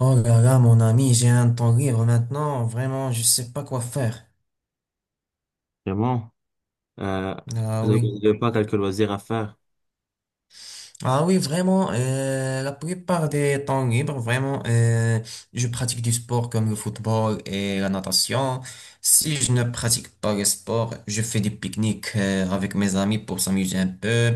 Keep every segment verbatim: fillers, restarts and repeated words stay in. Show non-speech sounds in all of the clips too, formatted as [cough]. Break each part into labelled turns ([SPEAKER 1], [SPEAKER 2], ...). [SPEAKER 1] Oh là là, mon ami, j'ai un temps libre maintenant. Vraiment, je sais pas quoi faire.
[SPEAKER 2] Vraiment. Euh,
[SPEAKER 1] Ah
[SPEAKER 2] Vous
[SPEAKER 1] oui.
[SPEAKER 2] n'avez pas quelques loisirs à faire.
[SPEAKER 1] Ah oui, vraiment, euh, la plupart des temps libres, vraiment, euh, je pratique du sport comme le football et la natation. Si je ne pratique pas le sport, je fais des pique-niques, euh, avec mes amis pour s'amuser un peu.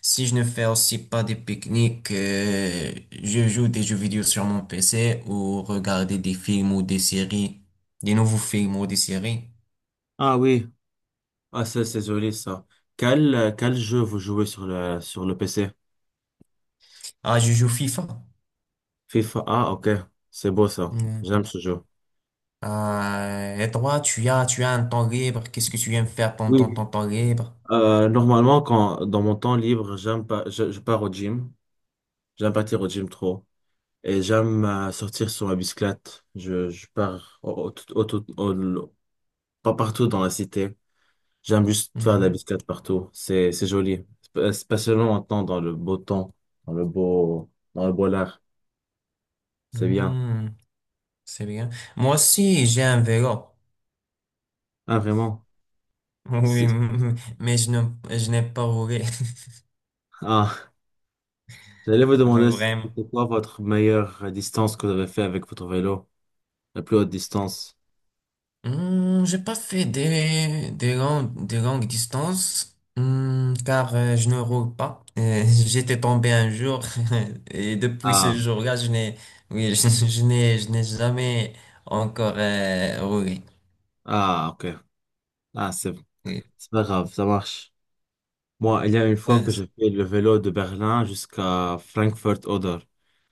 [SPEAKER 1] Si je ne fais aussi pas des pique-niques, euh, je joue des jeux vidéo sur mon P C ou regarder des films ou des séries, des nouveaux films ou des séries.
[SPEAKER 2] Ah oui. Ah, c'est c'est joli, ça. Quel, euh, quel jeu vous jouez sur le, sur le P C?
[SPEAKER 1] Ah, je joue FIFA.
[SPEAKER 2] FIFA. Ah, ok. C'est beau, ça.
[SPEAKER 1] Mm.
[SPEAKER 2] J'aime ce jeu.
[SPEAKER 1] Ah, et toi, tu as, tu as un temps libre. Qu'est-ce que tu aimes faire pendant ton,
[SPEAKER 2] Oui.
[SPEAKER 1] ton temps libre?
[SPEAKER 2] Euh, normalement, quand, dans mon temps libre, j'aime pas, je, je pars au gym. J'aime partir au gym trop. Et j'aime euh, sortir sur ma bicyclette. Je, je pars au, au- tout- au- tout- au- pas partout dans la cité. J'aime juste faire de la
[SPEAKER 1] Mhm.
[SPEAKER 2] biscate partout. C'est, c'est joli. Sp- Spécialement maintenant dans le beau temps, dans le beau, dans le beau lard. C'est bien.
[SPEAKER 1] Mm, c'est bien. Moi aussi, j'ai un vélo.
[SPEAKER 2] Ah, vraiment.
[SPEAKER 1] [laughs] Oui,
[SPEAKER 2] C'est-
[SPEAKER 1] mais je n'ai, je n'ai pas roulé.
[SPEAKER 2] Ah, j'allais vous
[SPEAKER 1] [laughs]
[SPEAKER 2] demander si
[SPEAKER 1] Vraiment.
[SPEAKER 2] c'était quoi votre meilleure distance que vous avez fait avec votre vélo? La plus haute distance.
[SPEAKER 1] Hmm, j'ai pas fait des, des longues, des longues distances, hmm, car euh, je ne roule pas. Euh, [laughs] j'étais tombé un jour [laughs] et depuis ce
[SPEAKER 2] Ah,
[SPEAKER 1] jour-là, je n'ai, oui, [laughs] je, je n'ai, je n'ai jamais encore euh, roulé.
[SPEAKER 2] ah, ok. Ah, c'est,
[SPEAKER 1] Oui.
[SPEAKER 2] c'est pas grave. Ça marche. Moi, il y a une fois
[SPEAKER 1] Ouais,
[SPEAKER 2] que
[SPEAKER 1] c'est
[SPEAKER 2] j'ai fait le vélo de Berlin jusqu'à Frankfurt-Oder.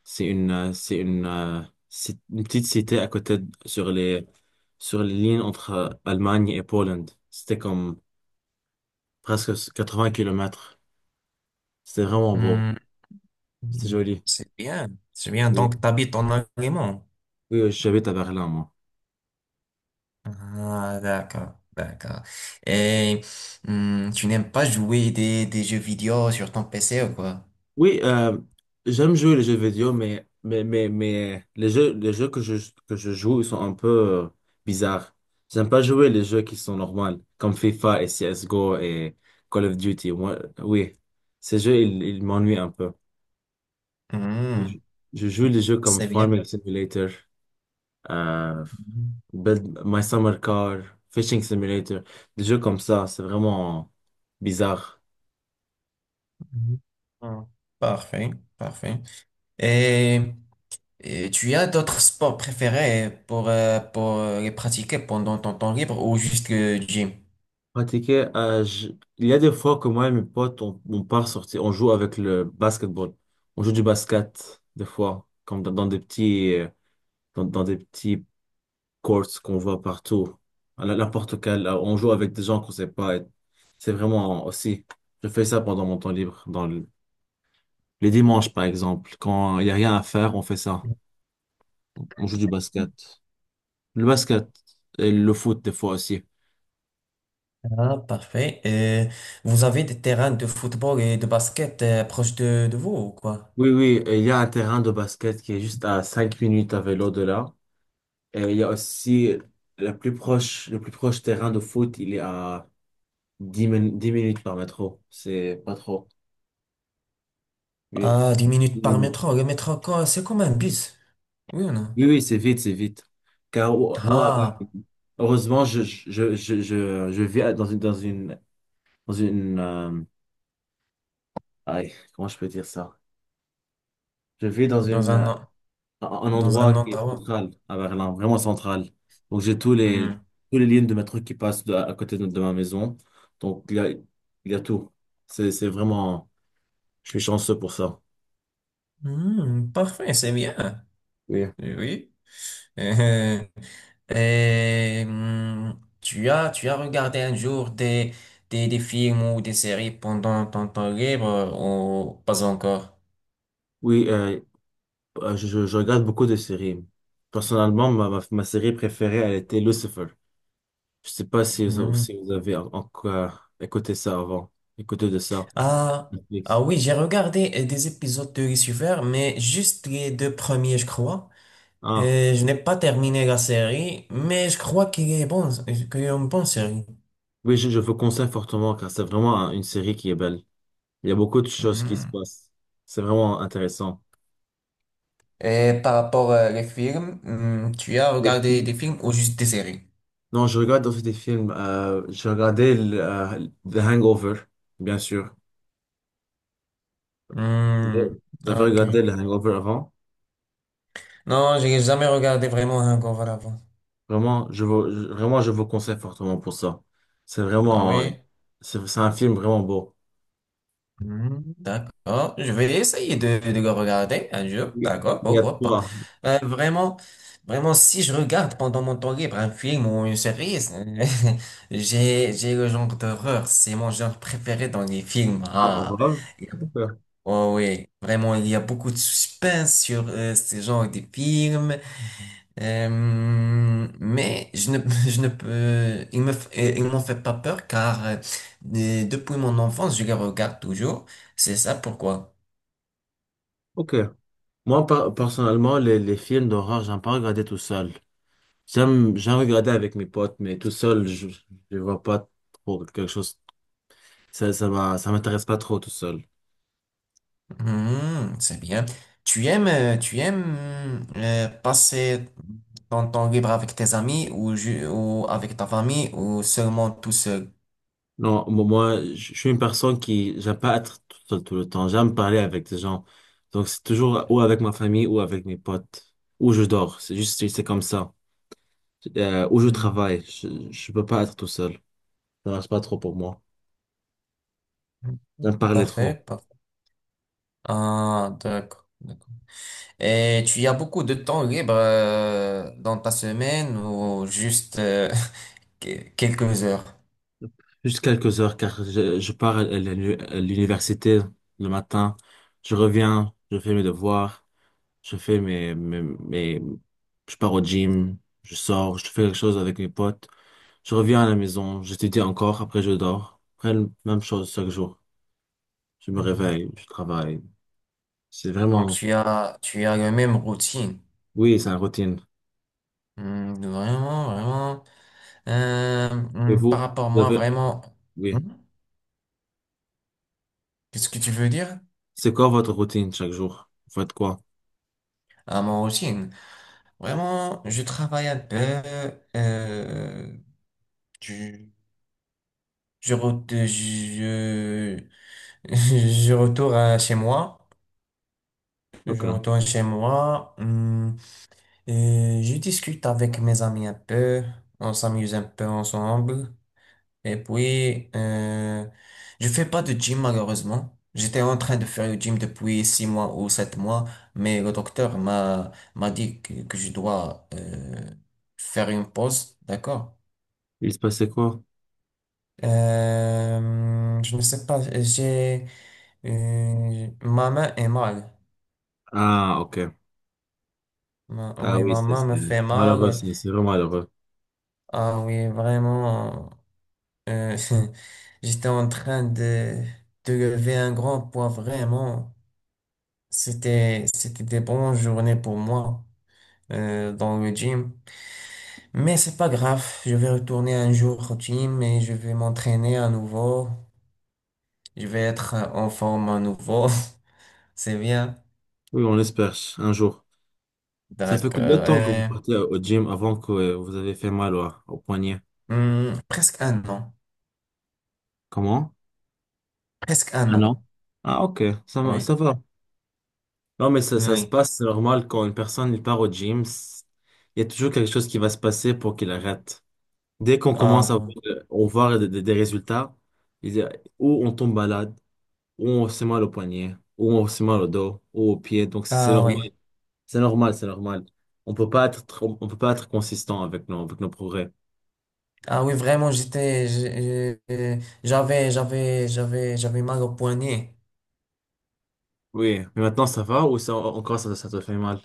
[SPEAKER 2] C'est une, euh, c'est une, euh, c'est une petite cité à côté de- sur les, sur les lignes entre euh, Allemagne et Pologne. C'était comme presque 80 kilomètres. C'était vraiment beau.
[SPEAKER 1] hmm,
[SPEAKER 2] C'était joli.
[SPEAKER 1] c'est bien, c'est bien.
[SPEAKER 2] Oui.
[SPEAKER 1] Donc, t'habites en Allemagne.
[SPEAKER 2] Oui, j'habite à Berlin, moi.
[SPEAKER 1] Ah, d'accord, d'accord. Et hmm, tu n'aimes pas jouer des, des jeux vidéo sur ton P C ou quoi?
[SPEAKER 2] Oui, euh, j'aime jouer les jeux vidéo, mais, mais, mais, mais les jeux, les jeux que je, que je joue, ils sont un peu euh, bizarres. J'aime pas jouer les jeux qui sont normaux, comme FIFA et C S G O et Call of Duty. Moi, oui, ces jeux, ils, ils m'ennuient un peu. Je,
[SPEAKER 1] Hmm,
[SPEAKER 2] je joue les jeux comme
[SPEAKER 1] c'est bien.
[SPEAKER 2] Farming Simulator, euh,
[SPEAKER 1] Mhm,
[SPEAKER 2] Build My Summer Car, Fishing Simulator, des jeux comme ça, c'est vraiment bizarre.
[SPEAKER 1] mhm. Hein. Parfait, parfait. Et, et tu as d'autres sports préférés pour, euh, pour euh, les pratiquer pendant ton temps libre ou juste le gym?
[SPEAKER 2] Pratiquer, euh, je- il y a des fois que moi et mes potes, on, on part sortir, on joue avec le basketball. On joue du basket, des fois, comme dans, dans des petits, euh, dans, dans des petits courts qu'on voit partout. À la- N'importe quel, euh, on joue avec des gens qu'on sait pas. Et c'est vraiment aussi, je fais ça pendant mon temps libre, dans le- les dimanches, par exemple. Quand il y a rien à faire, on fait ça. On joue du basket. Le basket et le foot, des fois aussi.
[SPEAKER 1] Ah, parfait. Et vous avez des terrains de football et de basket euh, proches de, de vous ou quoi?
[SPEAKER 2] Oui, oui, et il y a un terrain de basket qui est juste à cinq minutes à vélo de là. Euh, il y a aussi la plus proche, le plus proche terrain de foot, il est à dix min- dix minutes par métro. C'est pas trop. Oui,
[SPEAKER 1] Ah, dix minutes
[SPEAKER 2] dix
[SPEAKER 1] par
[SPEAKER 2] minutes.
[SPEAKER 1] métro. Le métro, quoi, c'est comme un bus. Oui ou non?
[SPEAKER 2] Oui, oui, c'est vite, c'est vite. Car euh, moi, euh,
[SPEAKER 1] Ah,
[SPEAKER 2] heureusement, je, je, je, je, je vis dans une, dans une, dans une euh, aïe, comment je peux dire ça? Je vis dans
[SPEAKER 1] dans
[SPEAKER 2] une,
[SPEAKER 1] un,
[SPEAKER 2] euh,
[SPEAKER 1] en-
[SPEAKER 2] un un
[SPEAKER 1] dans un
[SPEAKER 2] endroit qui est
[SPEAKER 1] endroit.
[SPEAKER 2] central à Berlin, vraiment central. Donc, j'ai tous les,
[SPEAKER 1] Hmm.
[SPEAKER 2] tous les lignes de métro qui passent de- à côté de, de ma maison. Donc, il y a, il y a tout. C'est, c'est vraiment. Je suis chanceux pour ça.
[SPEAKER 1] Hmm, parfait, c'est bien.
[SPEAKER 2] Oui.
[SPEAKER 1] Oui. [laughs] Euh, euh, hum, tu as, tu as regardé un jour des, des, des films ou des séries pendant ton temps libre euh, ou pas encore?
[SPEAKER 2] Oui, euh, euh, je, je- je regarde beaucoup de séries. Personnellement, ma, ma, ma série préférée, elle était Lucifer. Je sais pas si vous,
[SPEAKER 1] Hum.
[SPEAKER 2] si vous avez en- encore écouté ça avant, écouté de ça,
[SPEAKER 1] Ah, ah
[SPEAKER 2] Netflix.
[SPEAKER 1] oui, j'ai regardé euh, des épisodes de Lucifer, mais juste les deux premiers, je crois.
[SPEAKER 2] Ah,
[SPEAKER 1] Euh, je n'ai pas terminé la série, mais je crois qu'il est bon, qu'il est une bonne série.
[SPEAKER 2] oui, je, je vous conseille fortement car c'est vraiment un- une série qui est belle. Il y a beaucoup de choses qui se
[SPEAKER 1] Hum.
[SPEAKER 2] passent. C'est vraiment intéressant.
[SPEAKER 1] Et par rapport euh, les films, hum, tu as
[SPEAKER 2] Les
[SPEAKER 1] regardé
[SPEAKER 2] films?
[SPEAKER 1] des films ou juste des séries?
[SPEAKER 2] Non, je regarde aussi des films. Euh, j'ai regardé le, euh, The Hangover, bien sûr.
[SPEAKER 1] Hum,
[SPEAKER 2] Vous avez
[SPEAKER 1] Ok.
[SPEAKER 2] regardé The Hangover avant?
[SPEAKER 1] Non, j'ai jamais regardé vraiment un Hangover avant.
[SPEAKER 2] Vraiment, je vous, je- vraiment, je vous conseille fortement pour ça. C'est
[SPEAKER 1] Ah
[SPEAKER 2] vraiment, euh,
[SPEAKER 1] oui?
[SPEAKER 2] c'est c'est un film vraiment beau.
[SPEAKER 1] Hmm, d'accord. Je vais essayer de, de le regarder un jour.
[SPEAKER 2] Il
[SPEAKER 1] D'accord,
[SPEAKER 2] y a
[SPEAKER 1] pourquoi pas.
[SPEAKER 2] trois.
[SPEAKER 1] Euh, vraiment, vraiment, si je regarde pendant mon temps libre un film ou une série, c'est- [laughs] j'ai, j'ai le genre d'horreur. C'est mon genre préféré dans les films.
[SPEAKER 2] Un
[SPEAKER 1] Ah,
[SPEAKER 2] horreur. Ok.
[SPEAKER 1] oh oui. Vraiment, il y a beaucoup de suspense sur euh, ce genre de films. Euh, mais je ne, [laughs] je ne peux, ils me, f- euh, ils m'ont fait pas peur car euh, euh, depuis mon enfance, je les regarde toujours. C'est ça pourquoi.
[SPEAKER 2] Ok. Moi, per- personnellement, les, les films d'horreur, j'aime pas regarder tout seul. J'aime, j'aime regarder avec mes potes, mais tout seul, je, je vois pas trop quelque chose. Ça, ça m'a- ça m'intéresse pas trop tout seul.
[SPEAKER 1] Hmm, c'est bien. Tu aimes, euh, tu aimes euh, passer ton temps libre avec tes amis ou, ju- ou avec ta famille ou seulement tout seul?
[SPEAKER 2] Non, mo- moi, je je suis une personne qui, j'aime pas être tout seul tout le temps. J'aime parler avec des gens. Donc, c'est toujours ou avec ma famille ou avec mes potes. Ou je dors. C'est juste, c'est comme ça. Euh, ou je
[SPEAKER 1] Hmm,
[SPEAKER 2] travaille. Je, je peux pas être tout seul. Ça marche pas trop pour moi. J'aime parler trop.
[SPEAKER 1] parfait, parfait. Ah, d'accord. Et tu as beaucoup de temps libre euh, dans ta semaine ou juste euh, [laughs] que- quelques heures.
[SPEAKER 2] Juste quelques heures, car je, je pars à l'uni- à l'université le matin. Je reviens, je fais mes devoirs. Je fais mes, mes, mes, Je pars au gym. Je sors, je fais quelque chose avec mes potes. Je reviens à la maison, j'étudie encore, après je dors. Après, le- même chose chaque jour. Je me
[SPEAKER 1] Mhm.
[SPEAKER 2] réveille, je travaille. C'est
[SPEAKER 1] Donc
[SPEAKER 2] vraiment,
[SPEAKER 1] tu as tu as la même routine.
[SPEAKER 2] oui, c'est une routine.
[SPEAKER 1] Hmm, vraiment, vraiment. Euh,
[SPEAKER 2] Et
[SPEAKER 1] hmm, par
[SPEAKER 2] vous,
[SPEAKER 1] rapport à
[SPEAKER 2] vous
[SPEAKER 1] moi,
[SPEAKER 2] avez,
[SPEAKER 1] vraiment. Hmm.
[SPEAKER 2] oui.
[SPEAKER 1] Qu'est-ce que tu veux dire?
[SPEAKER 2] C'est quoi votre routine chaque jour? Vous faites quoi?
[SPEAKER 1] À mon routine. Vraiment, je travaille un peu. euh, je, je, re- je, [laughs] je retourne à chez moi. Je
[SPEAKER 2] Ok.
[SPEAKER 1] retourne chez moi. Hmm, Euh, je discute avec mes amis un peu, on s'amuse un peu ensemble. Et puis, euh, je fais pas de gym malheureusement. J'étais en train de faire le gym depuis six mois ou sept mois, mais le docteur m'a m'a dit que, que je dois euh, faire une pause, d'accord?
[SPEAKER 2] Il se passait quoi?
[SPEAKER 1] Euh, je ne sais pas, j'ai euh, ma main est mal.
[SPEAKER 2] Ah, ok.
[SPEAKER 1] Ma-
[SPEAKER 2] Ah
[SPEAKER 1] oui,
[SPEAKER 2] oui,
[SPEAKER 1] ma
[SPEAKER 2] c'est
[SPEAKER 1] main me
[SPEAKER 2] c'est
[SPEAKER 1] fait
[SPEAKER 2] malheureux,
[SPEAKER 1] mal.
[SPEAKER 2] c'est c'est vraiment malheureux.
[SPEAKER 1] Ah oui, vraiment. Euh, [laughs] j'étais en train de, de lever un grand poids, vraiment. C'était, c'était des bonnes journées pour moi euh, dans le gym. Mais c'est pas grave, je vais retourner un jour au gym et je vais m'entraîner à nouveau. Je vais être en forme à nouveau. [laughs] C'est bien.
[SPEAKER 2] Oui, on espère un jour. Ça fait
[SPEAKER 1] D'accord.
[SPEAKER 2] combien de temps que vous
[SPEAKER 1] Euh,
[SPEAKER 2] partez au gym avant que euh, vous avez fait mal au, au poignet?
[SPEAKER 1] hum, presque un an.
[SPEAKER 2] Comment?
[SPEAKER 1] Presque un
[SPEAKER 2] Un an.
[SPEAKER 1] an.
[SPEAKER 2] Ah, ok. Ça, va-
[SPEAKER 1] Oui.
[SPEAKER 2] ça va. Non, mais ça, ça se
[SPEAKER 1] Oui.
[SPEAKER 2] passe, c'est normal quand une personne il part au gym, c- il y a toujours quelque chose qui va se passer pour qu'il arrête. Dès qu'on commence à voir,
[SPEAKER 1] Ah,
[SPEAKER 2] euh, on voit des, des- des résultats, il y a- ou on tombe malade, ou on se mal au poignet, ou on se mal au dos, ou aux pieds. Donc c'est c'est
[SPEAKER 1] ah oui.
[SPEAKER 2] normal, c'est normal, c'est normal. On peut pas être, trop- on peut pas être consistant avec nos, avec nos progrès.
[SPEAKER 1] Ah oui, vraiment, j'étais, j'ai- j'ai- j'avais, j'avais, j'avais, j'avais mal au poignet.
[SPEAKER 2] Oui, mais maintenant ça va ou ça, encore ça, ça te fait mal?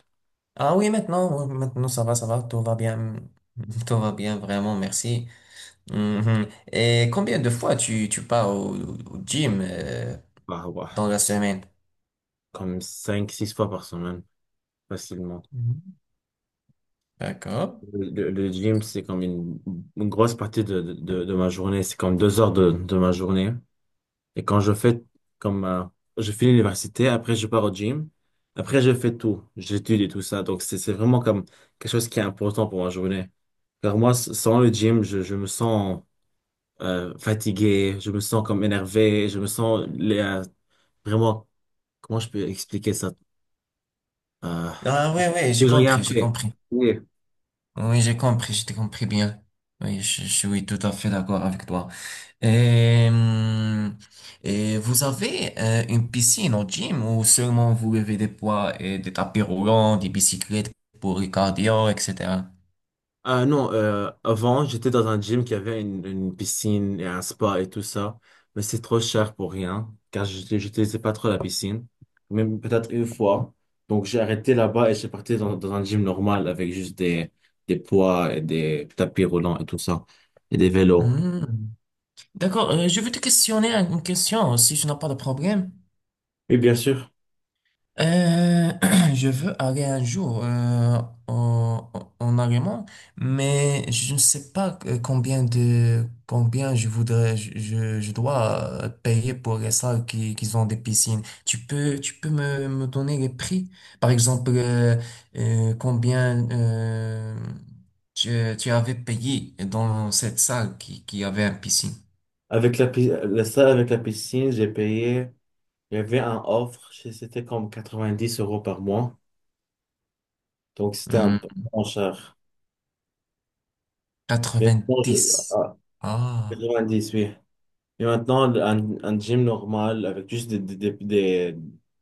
[SPEAKER 1] Ah oui, maintenant, oui, maintenant, ça va, ça va, tout va bien. [laughs] Tout va bien, vraiment, merci. Mhm. Et combien de fois tu, tu pars au, au gym, euh,
[SPEAKER 2] Bah ouais,
[SPEAKER 1] dans la
[SPEAKER 2] c'est
[SPEAKER 1] semaine?
[SPEAKER 2] comme cinq six fois par semaine, facilement.
[SPEAKER 1] Mhm. D'accord.
[SPEAKER 2] Le, le gym, c'est comme une, une grosse partie de, de, de- de ma journée. C'est comme deux heures de, de ma journée. Et quand je fais, comme, euh, je finis l'université, après je pars au gym, après je fais tout. J'étudie tout ça. Donc c'est, c'est vraiment comme quelque chose qui est important pour ma journée. Car moi, s- sans le gym, je, je me sens euh, fatigué, je me sens comme énervé, je me sens les, euh, vraiment, comment je peux expliquer ça? Euh,
[SPEAKER 1] Ah oui, oui, j'ai
[SPEAKER 2] que j'ai
[SPEAKER 1] compris,
[SPEAKER 2] rien
[SPEAKER 1] j'ai
[SPEAKER 2] fait.
[SPEAKER 1] compris. Oui, j'ai compris, j'ai compris bien. Oui, je je suis tout à fait d'accord avec toi. Et, hum, et vous avez euh, une piscine au gym ou seulement vous levez des poids et des tapis roulants, des bicyclettes pour le cardio, et cetera.
[SPEAKER 2] Ah non, euh, avant, j'étais dans un gym qui avait une, une piscine et un spa et tout ça, mais c'est trop cher pour rien, car je j'utilisais pas trop la piscine, même peut-être une fois. Donc j'ai arrêté là-bas et j'ai parti dans, dans un gym normal avec juste des, des poids et des tapis roulants et tout ça, et des vélos.
[SPEAKER 1] Hmm. D'accord, euh, je vais te questionner une question si tu n'as pas de problème.
[SPEAKER 2] Oui, bien sûr.
[SPEAKER 1] Euh, [clears throat] je veux aller un jour euh, en, en en Allemagne, mais je ne sais pas euh, combien de combien je voudrais je, je je dois euh, payer pour les salles qui, qui ont des piscines. Tu peux tu peux me, me donner les prix? Par exemple, euh, euh, combien euh, tu, tu avais payé dans cette salle qui, qui avait une piscine?
[SPEAKER 2] Avec la, pi- la salle avec la piscine, j'ai payé, il y avait un offre, c'est- c'était comme quatre-vingt-dix euros par mois, donc c'était un
[SPEAKER 1] Hmm,
[SPEAKER 2] peu moins cher. Mais bon, je-
[SPEAKER 1] dix
[SPEAKER 2] ah,
[SPEAKER 1] Ah.
[SPEAKER 2] quatre-vingt-dix, oui. Et maintenant, un, un gym normal avec juste des, des, des, des,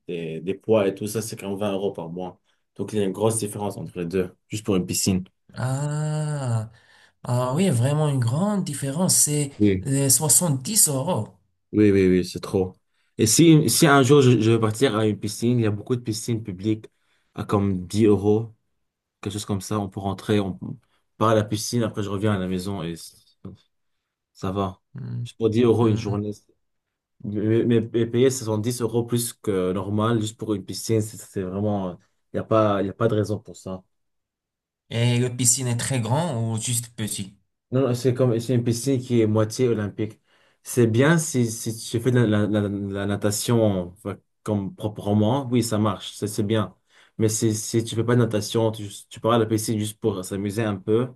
[SPEAKER 2] des- des poids et tout ça, c'est quand même vingt euros par mois. Donc, il y a une grosse différence entre les deux, juste pour une piscine.
[SPEAKER 1] Ah, ah oui, vraiment une grande différence. C'est
[SPEAKER 2] Oui,
[SPEAKER 1] euh, dix euros.
[SPEAKER 2] oui, oui, oui, c'est trop. Et si, si un jour je, je veux partir à une piscine, il y a beaucoup de piscines publiques à comme dix euros, quelque chose comme ça, on peut rentrer, on part à la piscine, après je reviens à la maison et c- ça va.
[SPEAKER 1] Hmm,
[SPEAKER 2] Juste pour dix euros une
[SPEAKER 1] hmm.
[SPEAKER 2] journée. Mais, mais- mais payer soixante-dix euros plus que normal juste pour une piscine, c'est c'est vraiment. Il n'y a pas, Y a pas de raison pour ça.
[SPEAKER 1] Et la piscine est très grand ou juste petit?
[SPEAKER 2] Non, non, c'est comme c'est une piscine qui est moitié olympique. C'est bien si, si tu fais de la, la, la- la natation enfin, comme proprement, oui, ça marche, c'est c'est bien. Mais si, si tu fais pas de natation, tu, tu pars à la piscine juste pour s'amuser un peu,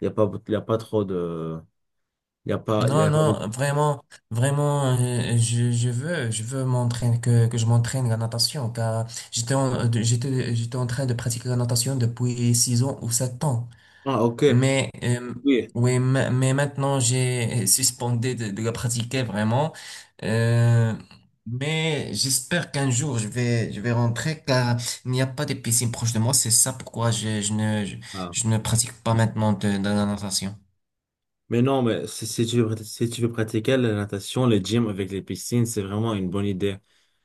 [SPEAKER 2] il n'y a pas, y a pas trop de. Il a pas, Y
[SPEAKER 1] Non,
[SPEAKER 2] a pas...
[SPEAKER 1] non, vraiment, vraiment, euh, je, je veux, je veux m'entraîner, que, que je m'entraîne la natation, car j'étais en, de- j'étais, j'étais en train de pratiquer la natation depuis six ans ou sept ans.
[SPEAKER 2] Ah, ok.
[SPEAKER 1] Mais, euh,
[SPEAKER 2] Oui.
[SPEAKER 1] oui, ma- mais maintenant, j'ai suspendu de, de la pratiquer vraiment. Euh, mais j'espère qu'un jour, je vais, je vais rentrer car il n'y a pas de piscine proche de moi. C'est ça pourquoi je, je ne, je,
[SPEAKER 2] Ah.
[SPEAKER 1] je ne pratique pas maintenant de, de la natation.
[SPEAKER 2] Mais non, mais si, si tu veux, prat- si tu veux pratiquer la natation, le gym avec les piscines, c'est vraiment une bonne idée.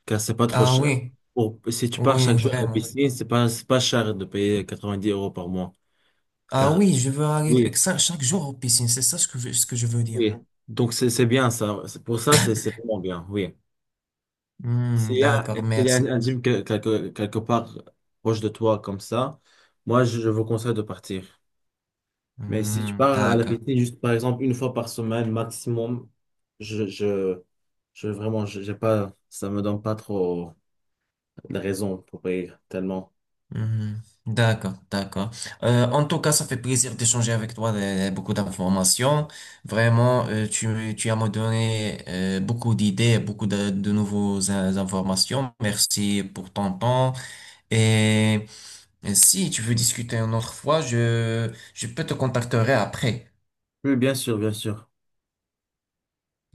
[SPEAKER 2] Car c'est pas trop
[SPEAKER 1] Ah
[SPEAKER 2] cher.
[SPEAKER 1] oui,
[SPEAKER 2] Pour- si tu pars chaque
[SPEAKER 1] oui,
[SPEAKER 2] jour à la
[SPEAKER 1] vraiment.
[SPEAKER 2] piscine, c'est pas, c'est pas cher de payer quatre-vingt-dix euros par mois.
[SPEAKER 1] Ah
[SPEAKER 2] Car,
[SPEAKER 1] oui, je veux aller
[SPEAKER 2] oui,
[SPEAKER 1] exa- chaque jour aux piscines. C'est ça ce que, je- ce que je veux dire.
[SPEAKER 2] oui. Donc, c'est, c'est bien ça. C'est- Pour ça, c'est, c'est vraiment bien, oui. S'il
[SPEAKER 1] Hmm,
[SPEAKER 2] y a,
[SPEAKER 1] d'accord,
[SPEAKER 2] s'il y a un
[SPEAKER 1] merci.
[SPEAKER 2] un gym que- quelque, quelque part proche de toi comme ça, moi, je je vous conseille de partir. Mais si tu
[SPEAKER 1] Hmm,
[SPEAKER 2] pars à la
[SPEAKER 1] d'accord.
[SPEAKER 2] P T juste par exemple une fois par semaine maximum, je, je, je vraiment, je- j'ai pas, ça me donne pas trop de raisons pour payer tellement.
[SPEAKER 1] Mhm. D'accord, d'accord. Euh, en tout cas, ça fait plaisir d'échanger avec toi euh, beaucoup d'informations. Vraiment, euh, tu, tu as me donné euh, beaucoup d'idées, beaucoup de, de nouvelles in- informations. Merci pour ton temps. Et, et si tu veux discuter une autre fois, je, je peux te contacter après.
[SPEAKER 2] Oui, bien sûr, bien sûr.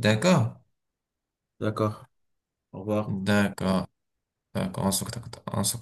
[SPEAKER 1] D'accord?
[SPEAKER 2] D'accord. Au revoir.
[SPEAKER 1] D'accord, d'accord. On se contacte, on se contacte.